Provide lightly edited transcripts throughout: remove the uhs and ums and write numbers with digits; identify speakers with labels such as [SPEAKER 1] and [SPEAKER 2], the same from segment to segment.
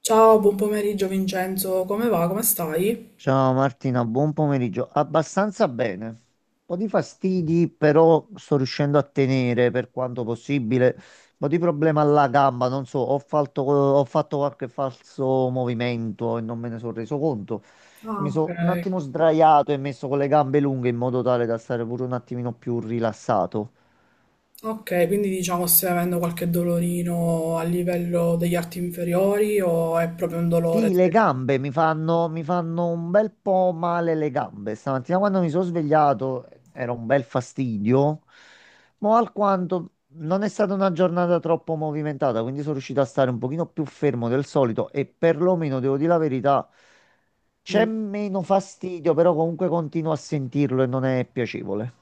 [SPEAKER 1] Ciao, buon pomeriggio Vincenzo, come va? Come stai?
[SPEAKER 2] Ciao Martina, buon pomeriggio. Abbastanza bene. Un po' di fastidi, però sto riuscendo a tenere per quanto possibile. Un po' di problema alla gamba, non so, ho fatto qualche falso movimento e non me ne sono reso conto.
[SPEAKER 1] Ah,
[SPEAKER 2] Mi
[SPEAKER 1] ok.
[SPEAKER 2] sono un attimo sdraiato e messo con le gambe lunghe in modo tale da stare pure un attimino più rilassato.
[SPEAKER 1] Ok, quindi diciamo stai avendo qualche dolorino a livello degli arti inferiori o è proprio un dolore?
[SPEAKER 2] Sì, le gambe mi fanno un bel po' male le gambe. Stamattina quando mi sono svegliato era un bel fastidio, ma alquanto non è stata una giornata troppo movimentata, quindi sono riuscito a stare un pochino più fermo del solito e perlomeno, devo dire la verità, c'è meno fastidio, però comunque continuo a sentirlo e non è piacevole.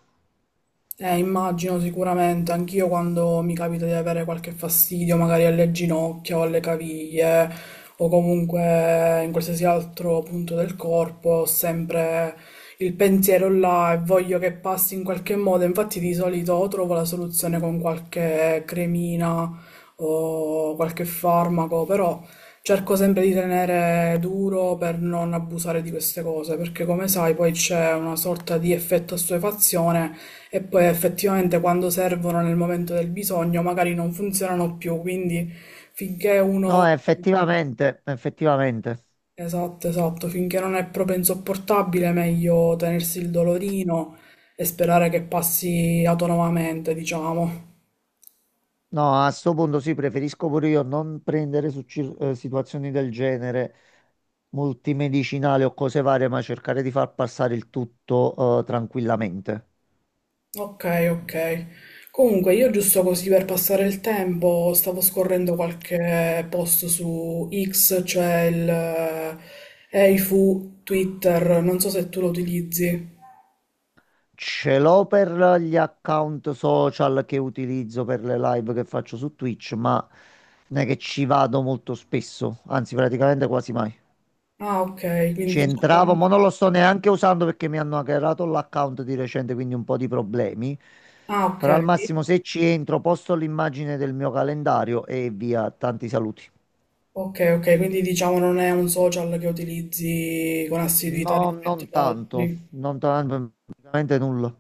[SPEAKER 1] Immagino sicuramente, anch'io quando mi capita di avere qualche fastidio, magari alle ginocchia o alle caviglie, o comunque in qualsiasi altro punto del corpo, ho sempre il pensiero là e voglio che passi in qualche modo. Infatti, di solito o trovo la soluzione con qualche cremina o qualche farmaco, però cerco sempre di tenere duro per non abusare di queste cose, perché come sai, poi c'è una sorta di effetto assuefazione e poi effettivamente quando servono nel momento del bisogno magari non funzionano più, quindi finché
[SPEAKER 2] No,
[SPEAKER 1] uno...
[SPEAKER 2] effettivamente.
[SPEAKER 1] Esatto, esatto, finché non è proprio insopportabile, meglio tenersi il dolorino e sperare che passi autonomamente, diciamo.
[SPEAKER 2] No, a sto punto sì, preferisco pure io non prendere situazioni del genere multimedicinali o cose varie, ma cercare di far passare il tutto tranquillamente.
[SPEAKER 1] Ok, ok. Comunque, io giusto così per passare il tempo stavo scorrendo qualche post su X, cioè il Eifu Twitter, non so se tu lo utilizzi.
[SPEAKER 2] Ce l'ho per gli account social che utilizzo per le live che faccio su Twitch, ma non è che ci vado molto spesso, anzi praticamente quasi mai.
[SPEAKER 1] Ah, ok,
[SPEAKER 2] Ci
[SPEAKER 1] quindi
[SPEAKER 2] entravo,
[SPEAKER 1] diciamo...
[SPEAKER 2] ma non lo sto neanche usando perché mi hanno hackerato l'account di recente, quindi un po' di problemi.
[SPEAKER 1] Ah, ok.
[SPEAKER 2] Però al massimo se ci entro posto l'immagine del mio calendario e via, tanti saluti.
[SPEAKER 1] Ok, ok, quindi diciamo non è un social che utilizzi con assiduità
[SPEAKER 2] No,
[SPEAKER 1] rispetto
[SPEAKER 2] non
[SPEAKER 1] ad
[SPEAKER 2] tanto,
[SPEAKER 1] altri.
[SPEAKER 2] non tanto, praticamente nulla.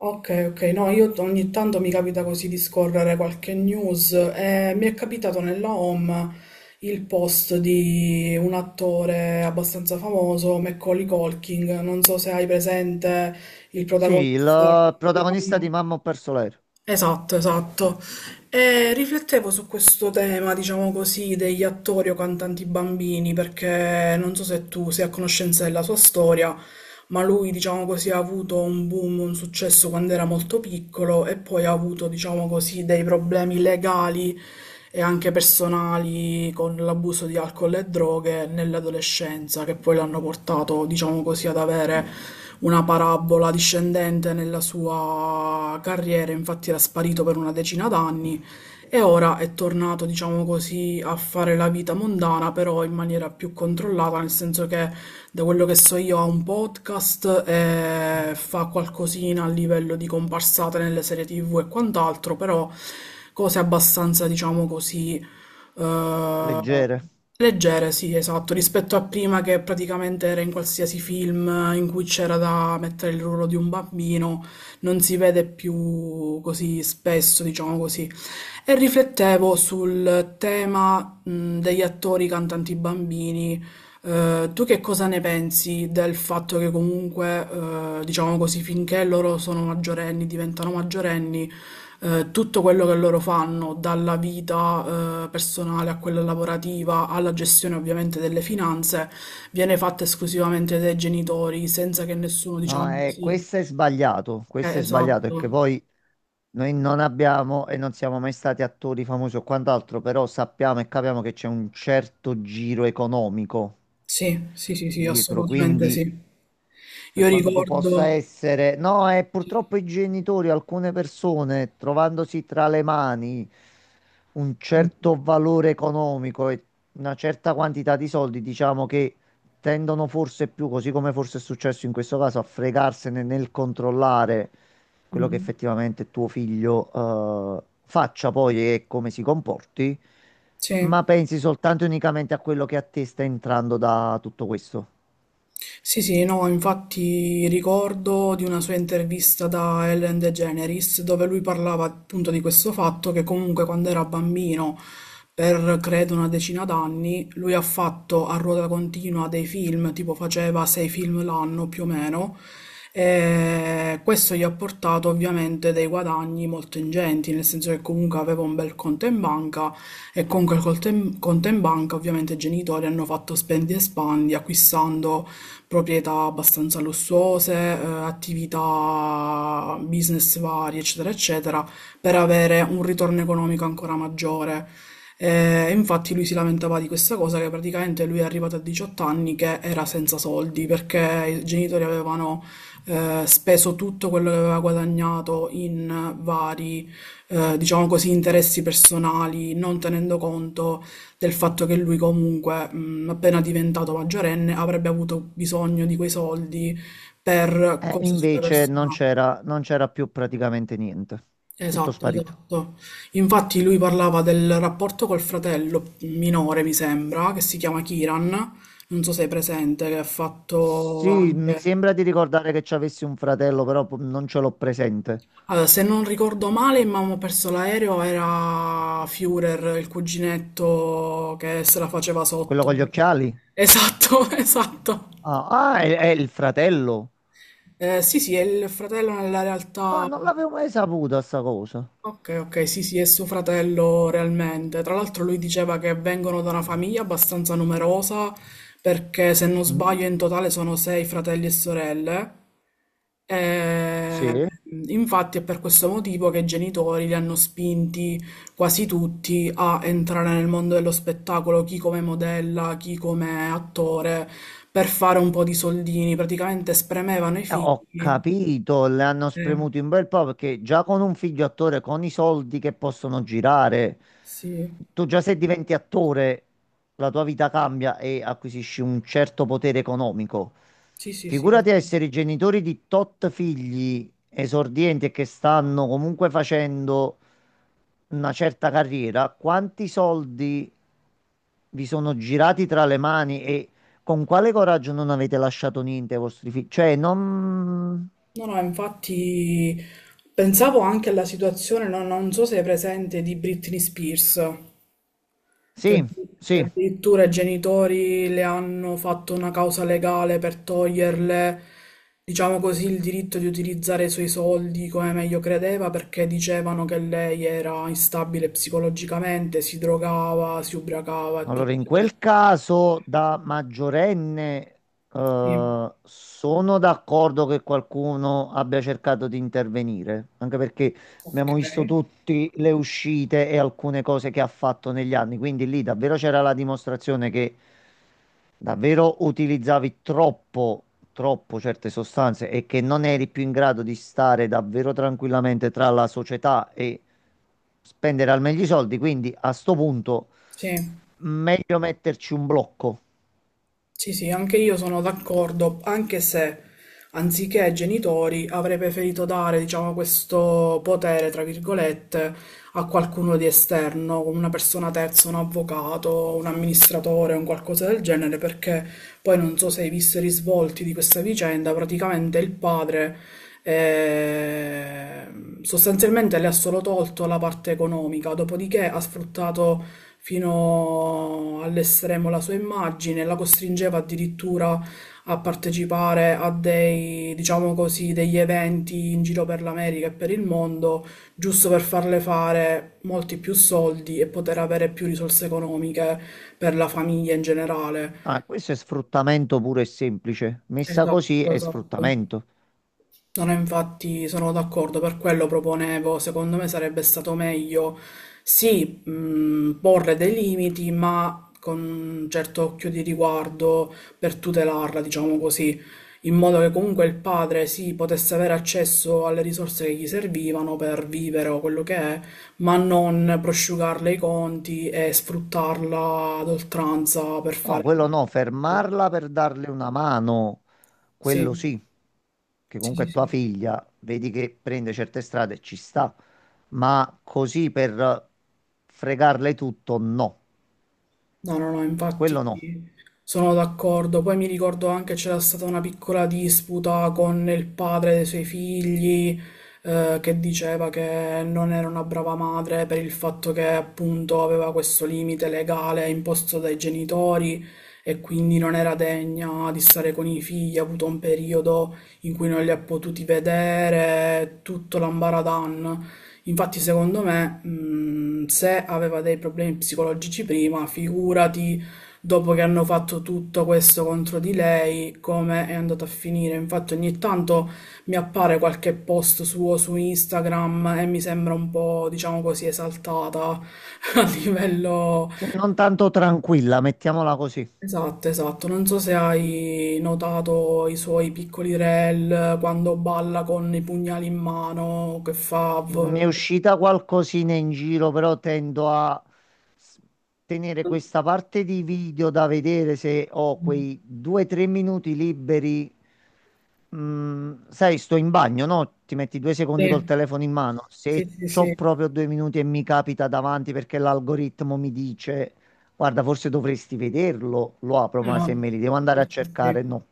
[SPEAKER 1] Ok, ok, no, ogni tanto mi capita così di scorrere qualche news e mi è capitato nella home il post di un attore abbastanza famoso, Macaulay Culkin, non so se hai presente il
[SPEAKER 2] Sì,
[SPEAKER 1] protagonista.
[SPEAKER 2] il protagonista di Mamma ho perso l'aereo,
[SPEAKER 1] Esatto, esatto. E riflettevo su questo tema, diciamo così, degli attori o cantanti bambini, perché non so se tu sei a conoscenza della sua storia, ma lui diciamo così ha avuto un boom, un successo quando era molto piccolo e poi ha avuto diciamo così dei problemi legali e anche personali con l'abuso di alcol e droghe nell'adolescenza che poi l'hanno portato diciamo così ad avere una parabola discendente nella sua carriera, infatti era sparito per una decina d'anni e ora è tornato, diciamo così, a fare la vita mondana, però in maniera più controllata, nel senso che da quello che so io ha un podcast e fa qualcosina a livello di comparsate nelle serie TV e quant'altro, però cose abbastanza, diciamo così, eh,
[SPEAKER 2] leggere.
[SPEAKER 1] leggere, sì, esatto, rispetto a prima che praticamente era in qualsiasi film in cui c'era da mettere il ruolo di un bambino, non si vede più così spesso, diciamo così. E riflettevo sul tema, degli attori cantanti bambini. Tu che cosa ne pensi del fatto che comunque, diciamo così, finché loro sono maggiorenni, diventano maggiorenni, tutto quello che loro fanno, dalla vita, personale a quella lavorativa, alla gestione ovviamente delle finanze, viene fatta esclusivamente dai genitori, senza che nessuno,
[SPEAKER 2] No,
[SPEAKER 1] diciamo così...
[SPEAKER 2] questo è sbagliato
[SPEAKER 1] Esatto.
[SPEAKER 2] perché poi noi non abbiamo e non siamo mai stati attori famosi o quant'altro, però sappiamo e capiamo che c'è un certo giro economico
[SPEAKER 1] Sì, sì, sì, sì,
[SPEAKER 2] dietro,
[SPEAKER 1] assolutamente
[SPEAKER 2] quindi
[SPEAKER 1] sì.
[SPEAKER 2] per
[SPEAKER 1] Io
[SPEAKER 2] quanto tu possa
[SPEAKER 1] ricordo
[SPEAKER 2] essere, no, è
[SPEAKER 1] sì,
[SPEAKER 2] purtroppo i genitori, alcune persone, trovandosi tra le mani un certo valore economico e una certa quantità di soldi, diciamo che tendono forse più, così come forse è successo in questo caso, a fregarsene nel controllare quello che
[SPEAKER 1] mh-mh,
[SPEAKER 2] effettivamente tuo figlio faccia poi e come si comporti,
[SPEAKER 1] sì.
[SPEAKER 2] ma pensi soltanto e unicamente a quello che a te sta entrando da tutto questo.
[SPEAKER 1] Sì, sì, no, infatti ricordo di una sua intervista da Ellen DeGeneres dove lui parlava appunto di questo fatto che comunque quando era bambino, per credo una decina d'anni, lui ha fatto a ruota continua dei film, tipo faceva sei film l'anno più o meno, e questo gli ha portato ovviamente dei guadagni molto ingenti, nel senso che comunque aveva un bel conto in banca e con quel conto in banca ovviamente i genitori hanno fatto spendi e spandi acquistando proprietà abbastanza lussuose, attività, business vari, eccetera, eccetera, per avere un ritorno economico ancora maggiore. Infatti lui si lamentava di questa cosa che praticamente lui è arrivato a 18 anni che era senza soldi perché i genitori avevano speso tutto quello che aveva guadagnato in vari, diciamo così, interessi personali, non tenendo conto del fatto che lui comunque, appena diventato maggiorenne, avrebbe avuto bisogno di quei soldi per cose sue
[SPEAKER 2] Invece non
[SPEAKER 1] personali.
[SPEAKER 2] c'era non c'era più praticamente niente, tutto
[SPEAKER 1] Esatto,
[SPEAKER 2] sparito.
[SPEAKER 1] esatto. Infatti lui parlava del rapporto col fratello minore, mi sembra, che si chiama Kiran, non so se hai presente, che ha fatto
[SPEAKER 2] Sì, mi
[SPEAKER 1] anche...
[SPEAKER 2] sembra di ricordare che ci avessi un fratello, però non ce l'ho presente.
[SPEAKER 1] Allora, se non ricordo male, Mamma ha perso l'aereo, era Führer, il cuginetto che se la faceva
[SPEAKER 2] Quello
[SPEAKER 1] sotto.
[SPEAKER 2] con gli occhiali?
[SPEAKER 1] Esatto, esatto.
[SPEAKER 2] Ah, ah, è il fratello.
[SPEAKER 1] Sì, sì, è il fratello nella
[SPEAKER 2] Ah,
[SPEAKER 1] realtà.
[SPEAKER 2] non l'avevo mai saputa sta cosa.
[SPEAKER 1] Ok, ok, sì, sì, è suo fratello realmente. Tra l'altro lui diceva che vengono da una famiglia abbastanza numerosa, perché se non
[SPEAKER 2] Mm,
[SPEAKER 1] sbaglio in totale sono sei fratelli e sorelle. Eh,
[SPEAKER 2] sì.
[SPEAKER 1] infatti è per questo motivo che i genitori li hanno spinti quasi tutti a entrare nel mondo dello spettacolo, chi come modella, chi come attore, per fare un po' di soldini. Praticamente spremevano i
[SPEAKER 2] Ho
[SPEAKER 1] figli.
[SPEAKER 2] capito, le hanno
[SPEAKER 1] Eh,
[SPEAKER 2] spremuto un bel po' perché già con un figlio attore, con i soldi che possono girare,
[SPEAKER 1] Sì,
[SPEAKER 2] tu già se diventi attore, la tua vita cambia e acquisisci un certo potere economico.
[SPEAKER 1] sì, sì, sì.
[SPEAKER 2] Figurati a essere i genitori di tot figli esordienti e che stanno comunque facendo una certa carriera, quanti soldi vi sono girati tra le mani e con quale coraggio non avete lasciato niente ai vostri figli? Cioè, non...
[SPEAKER 1] No, no, infatti pensavo anche alla situazione, non so se è presente, di Britney Spears, che,
[SPEAKER 2] Sì,
[SPEAKER 1] che
[SPEAKER 2] sì.
[SPEAKER 1] addirittura i genitori le hanno fatto una causa legale per toglierle, diciamo così, il diritto di utilizzare i suoi soldi come meglio credeva, perché dicevano che lei era instabile psicologicamente, si drogava, si ubriacava e
[SPEAKER 2] Allora,
[SPEAKER 1] tutto
[SPEAKER 2] in
[SPEAKER 1] il resto.
[SPEAKER 2] quel caso da maggiorenne,
[SPEAKER 1] Sì,
[SPEAKER 2] sono d'accordo che qualcuno abbia cercato di intervenire, anche perché
[SPEAKER 1] ok.
[SPEAKER 2] abbiamo visto tutte le uscite e alcune cose che ha fatto negli anni, quindi lì davvero c'era la dimostrazione che davvero utilizzavi troppo certe sostanze e che non eri più in grado di stare davvero tranquillamente tra la società e spendere al meglio i soldi, quindi a sto punto...
[SPEAKER 1] Sì.
[SPEAKER 2] Meglio metterci un blocco.
[SPEAKER 1] Sì, sì, anche io sono d'accordo, anche se anziché ai genitori avrei preferito dare, diciamo, questo potere, tra virgolette, a qualcuno di esterno, come una persona terza, un avvocato, un amministratore, un qualcosa del genere, perché poi non so se hai visto i risvolti di questa vicenda, praticamente il padre eh, sostanzialmente le ha solo tolto la parte economica, dopodiché ha sfruttato fino all'estremo la sua immagine, la costringeva addirittura a partecipare a dei, diciamo così, degli eventi in giro per l'America e per il mondo giusto per farle fare molti più soldi e poter avere più risorse economiche per la famiglia in generale.
[SPEAKER 2] Ah, questo è sfruttamento puro e semplice. Messa così
[SPEAKER 1] Esatto,
[SPEAKER 2] è
[SPEAKER 1] esatto.
[SPEAKER 2] sfruttamento.
[SPEAKER 1] No, no, infatti sono d'accordo, per quello proponevo, secondo me sarebbe stato meglio sì, porre dei limiti, ma con un certo occhio di riguardo per tutelarla, diciamo così, in modo che comunque il padre sì, potesse avere accesso alle risorse che gli servivano per vivere o quello che è, ma non prosciugarle i conti e sfruttarla ad oltranza per
[SPEAKER 2] No,
[SPEAKER 1] fare...
[SPEAKER 2] quello no, fermarla per darle una mano, quello
[SPEAKER 1] Sì,
[SPEAKER 2] sì, che
[SPEAKER 1] sì,
[SPEAKER 2] comunque
[SPEAKER 1] sì,
[SPEAKER 2] è tua
[SPEAKER 1] sì.
[SPEAKER 2] figlia, vedi che prende certe strade, ci sta, ma così per fregarle tutto, no,
[SPEAKER 1] No, no, no, infatti
[SPEAKER 2] quello no.
[SPEAKER 1] sono d'accordo. Poi mi ricordo anche c'era stata una piccola disputa con il padre dei suoi figli, che diceva che non era una brava madre per il fatto che appunto aveva questo limite legale imposto dai genitori e quindi non era degna di stare con i figli, ha avuto un periodo in cui non li ha potuti vedere, tutto l'ambaradan. Infatti, secondo me, se aveva dei problemi psicologici prima, figurati dopo che hanno fatto tutto questo contro di lei, come è andato a finire. Infatti, ogni tanto mi appare qualche post suo su Instagram e mi sembra un po', diciamo così, esaltata a livello...
[SPEAKER 2] Se non tanto tranquilla, mettiamola così.
[SPEAKER 1] Esatto, esatto. Non so se hai notato i suoi piccoli reel quando balla con i pugnali in mano, che fa...
[SPEAKER 2] Mi è uscita qualcosina in giro, però tendo a s- tenere questa parte di video da vedere se ho quei 2 o 3 minuti liberi. Mm, sai, sto in bagno, no? Ti metti 2 secondi col
[SPEAKER 1] Sì.
[SPEAKER 2] telefono in mano.
[SPEAKER 1] Sì,
[SPEAKER 2] Se
[SPEAKER 1] sì,
[SPEAKER 2] c'ho
[SPEAKER 1] sì.
[SPEAKER 2] proprio 2 minuti e mi capita davanti perché l'algoritmo mi dice, guarda, forse dovresti vederlo, lo apro, ma se
[SPEAKER 1] No,
[SPEAKER 2] me li devo
[SPEAKER 1] sì,
[SPEAKER 2] andare a
[SPEAKER 1] sì, sì.
[SPEAKER 2] cercare, no,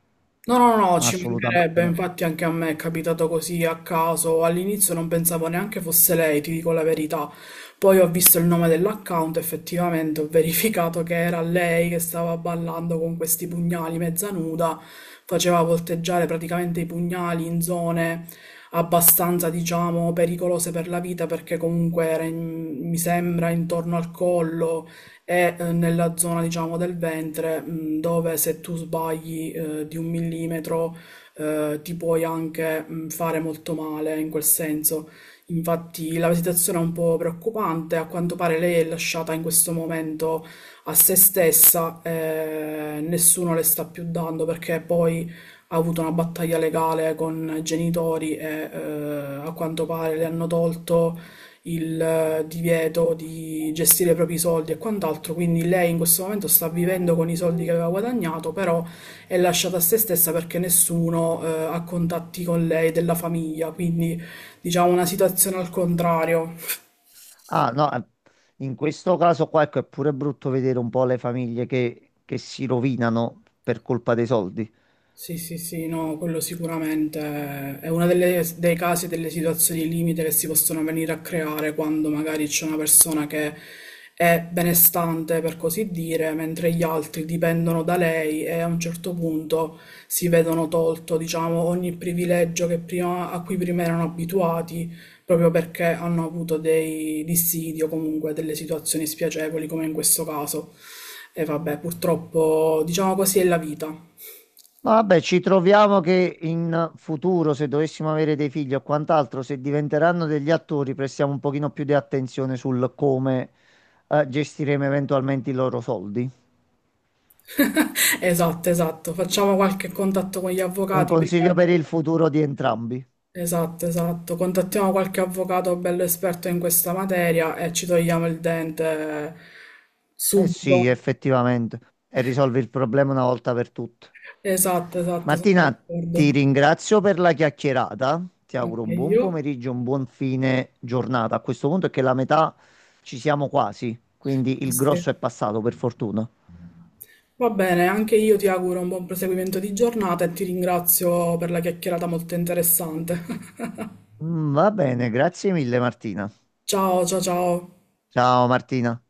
[SPEAKER 1] No, no, no, ci
[SPEAKER 2] assolutamente
[SPEAKER 1] mancherebbe,
[SPEAKER 2] no.
[SPEAKER 1] infatti anche a me è capitato così a caso, all'inizio non pensavo neanche fosse lei, ti dico la verità, poi ho visto il nome dell'account, effettivamente ho verificato che era lei che stava ballando con questi pugnali mezza nuda, faceva volteggiare praticamente i pugnali in zone abbastanza, diciamo, pericolose per la vita perché comunque mi sembra intorno al collo è nella zona, diciamo, del ventre, dove se tu sbagli di un millimetro ti puoi anche fare molto male in quel senso. Infatti la situazione è un po' preoccupante, a quanto pare lei è lasciata in questo momento a se stessa, nessuno le sta più dando perché poi ha avuto una battaglia legale con i genitori e a quanto pare le hanno tolto il divieto di gestire i propri soldi e quant'altro, quindi lei in questo momento sta vivendo con i soldi che aveva guadagnato, però è lasciata a se stessa perché nessuno ha contatti con lei della famiglia, quindi diciamo una situazione al contrario.
[SPEAKER 2] Ah, no, in questo caso qua, ecco, è pure brutto vedere un po' le famiglie che si rovinano per colpa dei soldi.
[SPEAKER 1] Sì, sì, sì, no, quello sicuramente è uno dei casi, delle situazioni limite che si possono venire a creare quando magari c'è una persona che è benestante, per così dire, mentre gli altri dipendono da lei e a un certo punto si vedono tolto, diciamo, ogni privilegio che a cui prima erano abituati, proprio perché hanno avuto dei dissidi o comunque delle situazioni spiacevoli, come in questo caso. E vabbè, purtroppo, diciamo così, è la vita.
[SPEAKER 2] Ma vabbè, ci troviamo che in futuro, se dovessimo avere dei figli o quant'altro, se diventeranno degli attori, prestiamo un pochino più di attenzione sul come, gestiremo eventualmente i loro soldi.
[SPEAKER 1] Esatto, esatto. Facciamo qualche contatto con gli
[SPEAKER 2] Un
[SPEAKER 1] avvocati
[SPEAKER 2] consiglio
[SPEAKER 1] prima.
[SPEAKER 2] per il futuro di entrambi.
[SPEAKER 1] Esatto, esatto. Contattiamo qualche avvocato bello esperto in questa materia e ci togliamo il dente
[SPEAKER 2] Eh sì,
[SPEAKER 1] subito.
[SPEAKER 2] effettivamente, e risolvi il problema una volta per tutte.
[SPEAKER 1] Esatto, esatto, sono
[SPEAKER 2] Martina, ti
[SPEAKER 1] d'accordo.
[SPEAKER 2] ringrazio per la chiacchierata. Ti auguro
[SPEAKER 1] Anche
[SPEAKER 2] un buon
[SPEAKER 1] io.
[SPEAKER 2] pomeriggio, un buon fine giornata. A questo punto è che la metà ci siamo quasi, quindi
[SPEAKER 1] Sì,
[SPEAKER 2] il
[SPEAKER 1] sì.
[SPEAKER 2] grosso è passato, per fortuna.
[SPEAKER 1] Va bene, anche io ti auguro un buon proseguimento di giornata e ti ringrazio per la chiacchierata molto interessante.
[SPEAKER 2] Mm, va bene, grazie mille Martina.
[SPEAKER 1] Ciao, ciao, ciao.
[SPEAKER 2] Ciao Martina.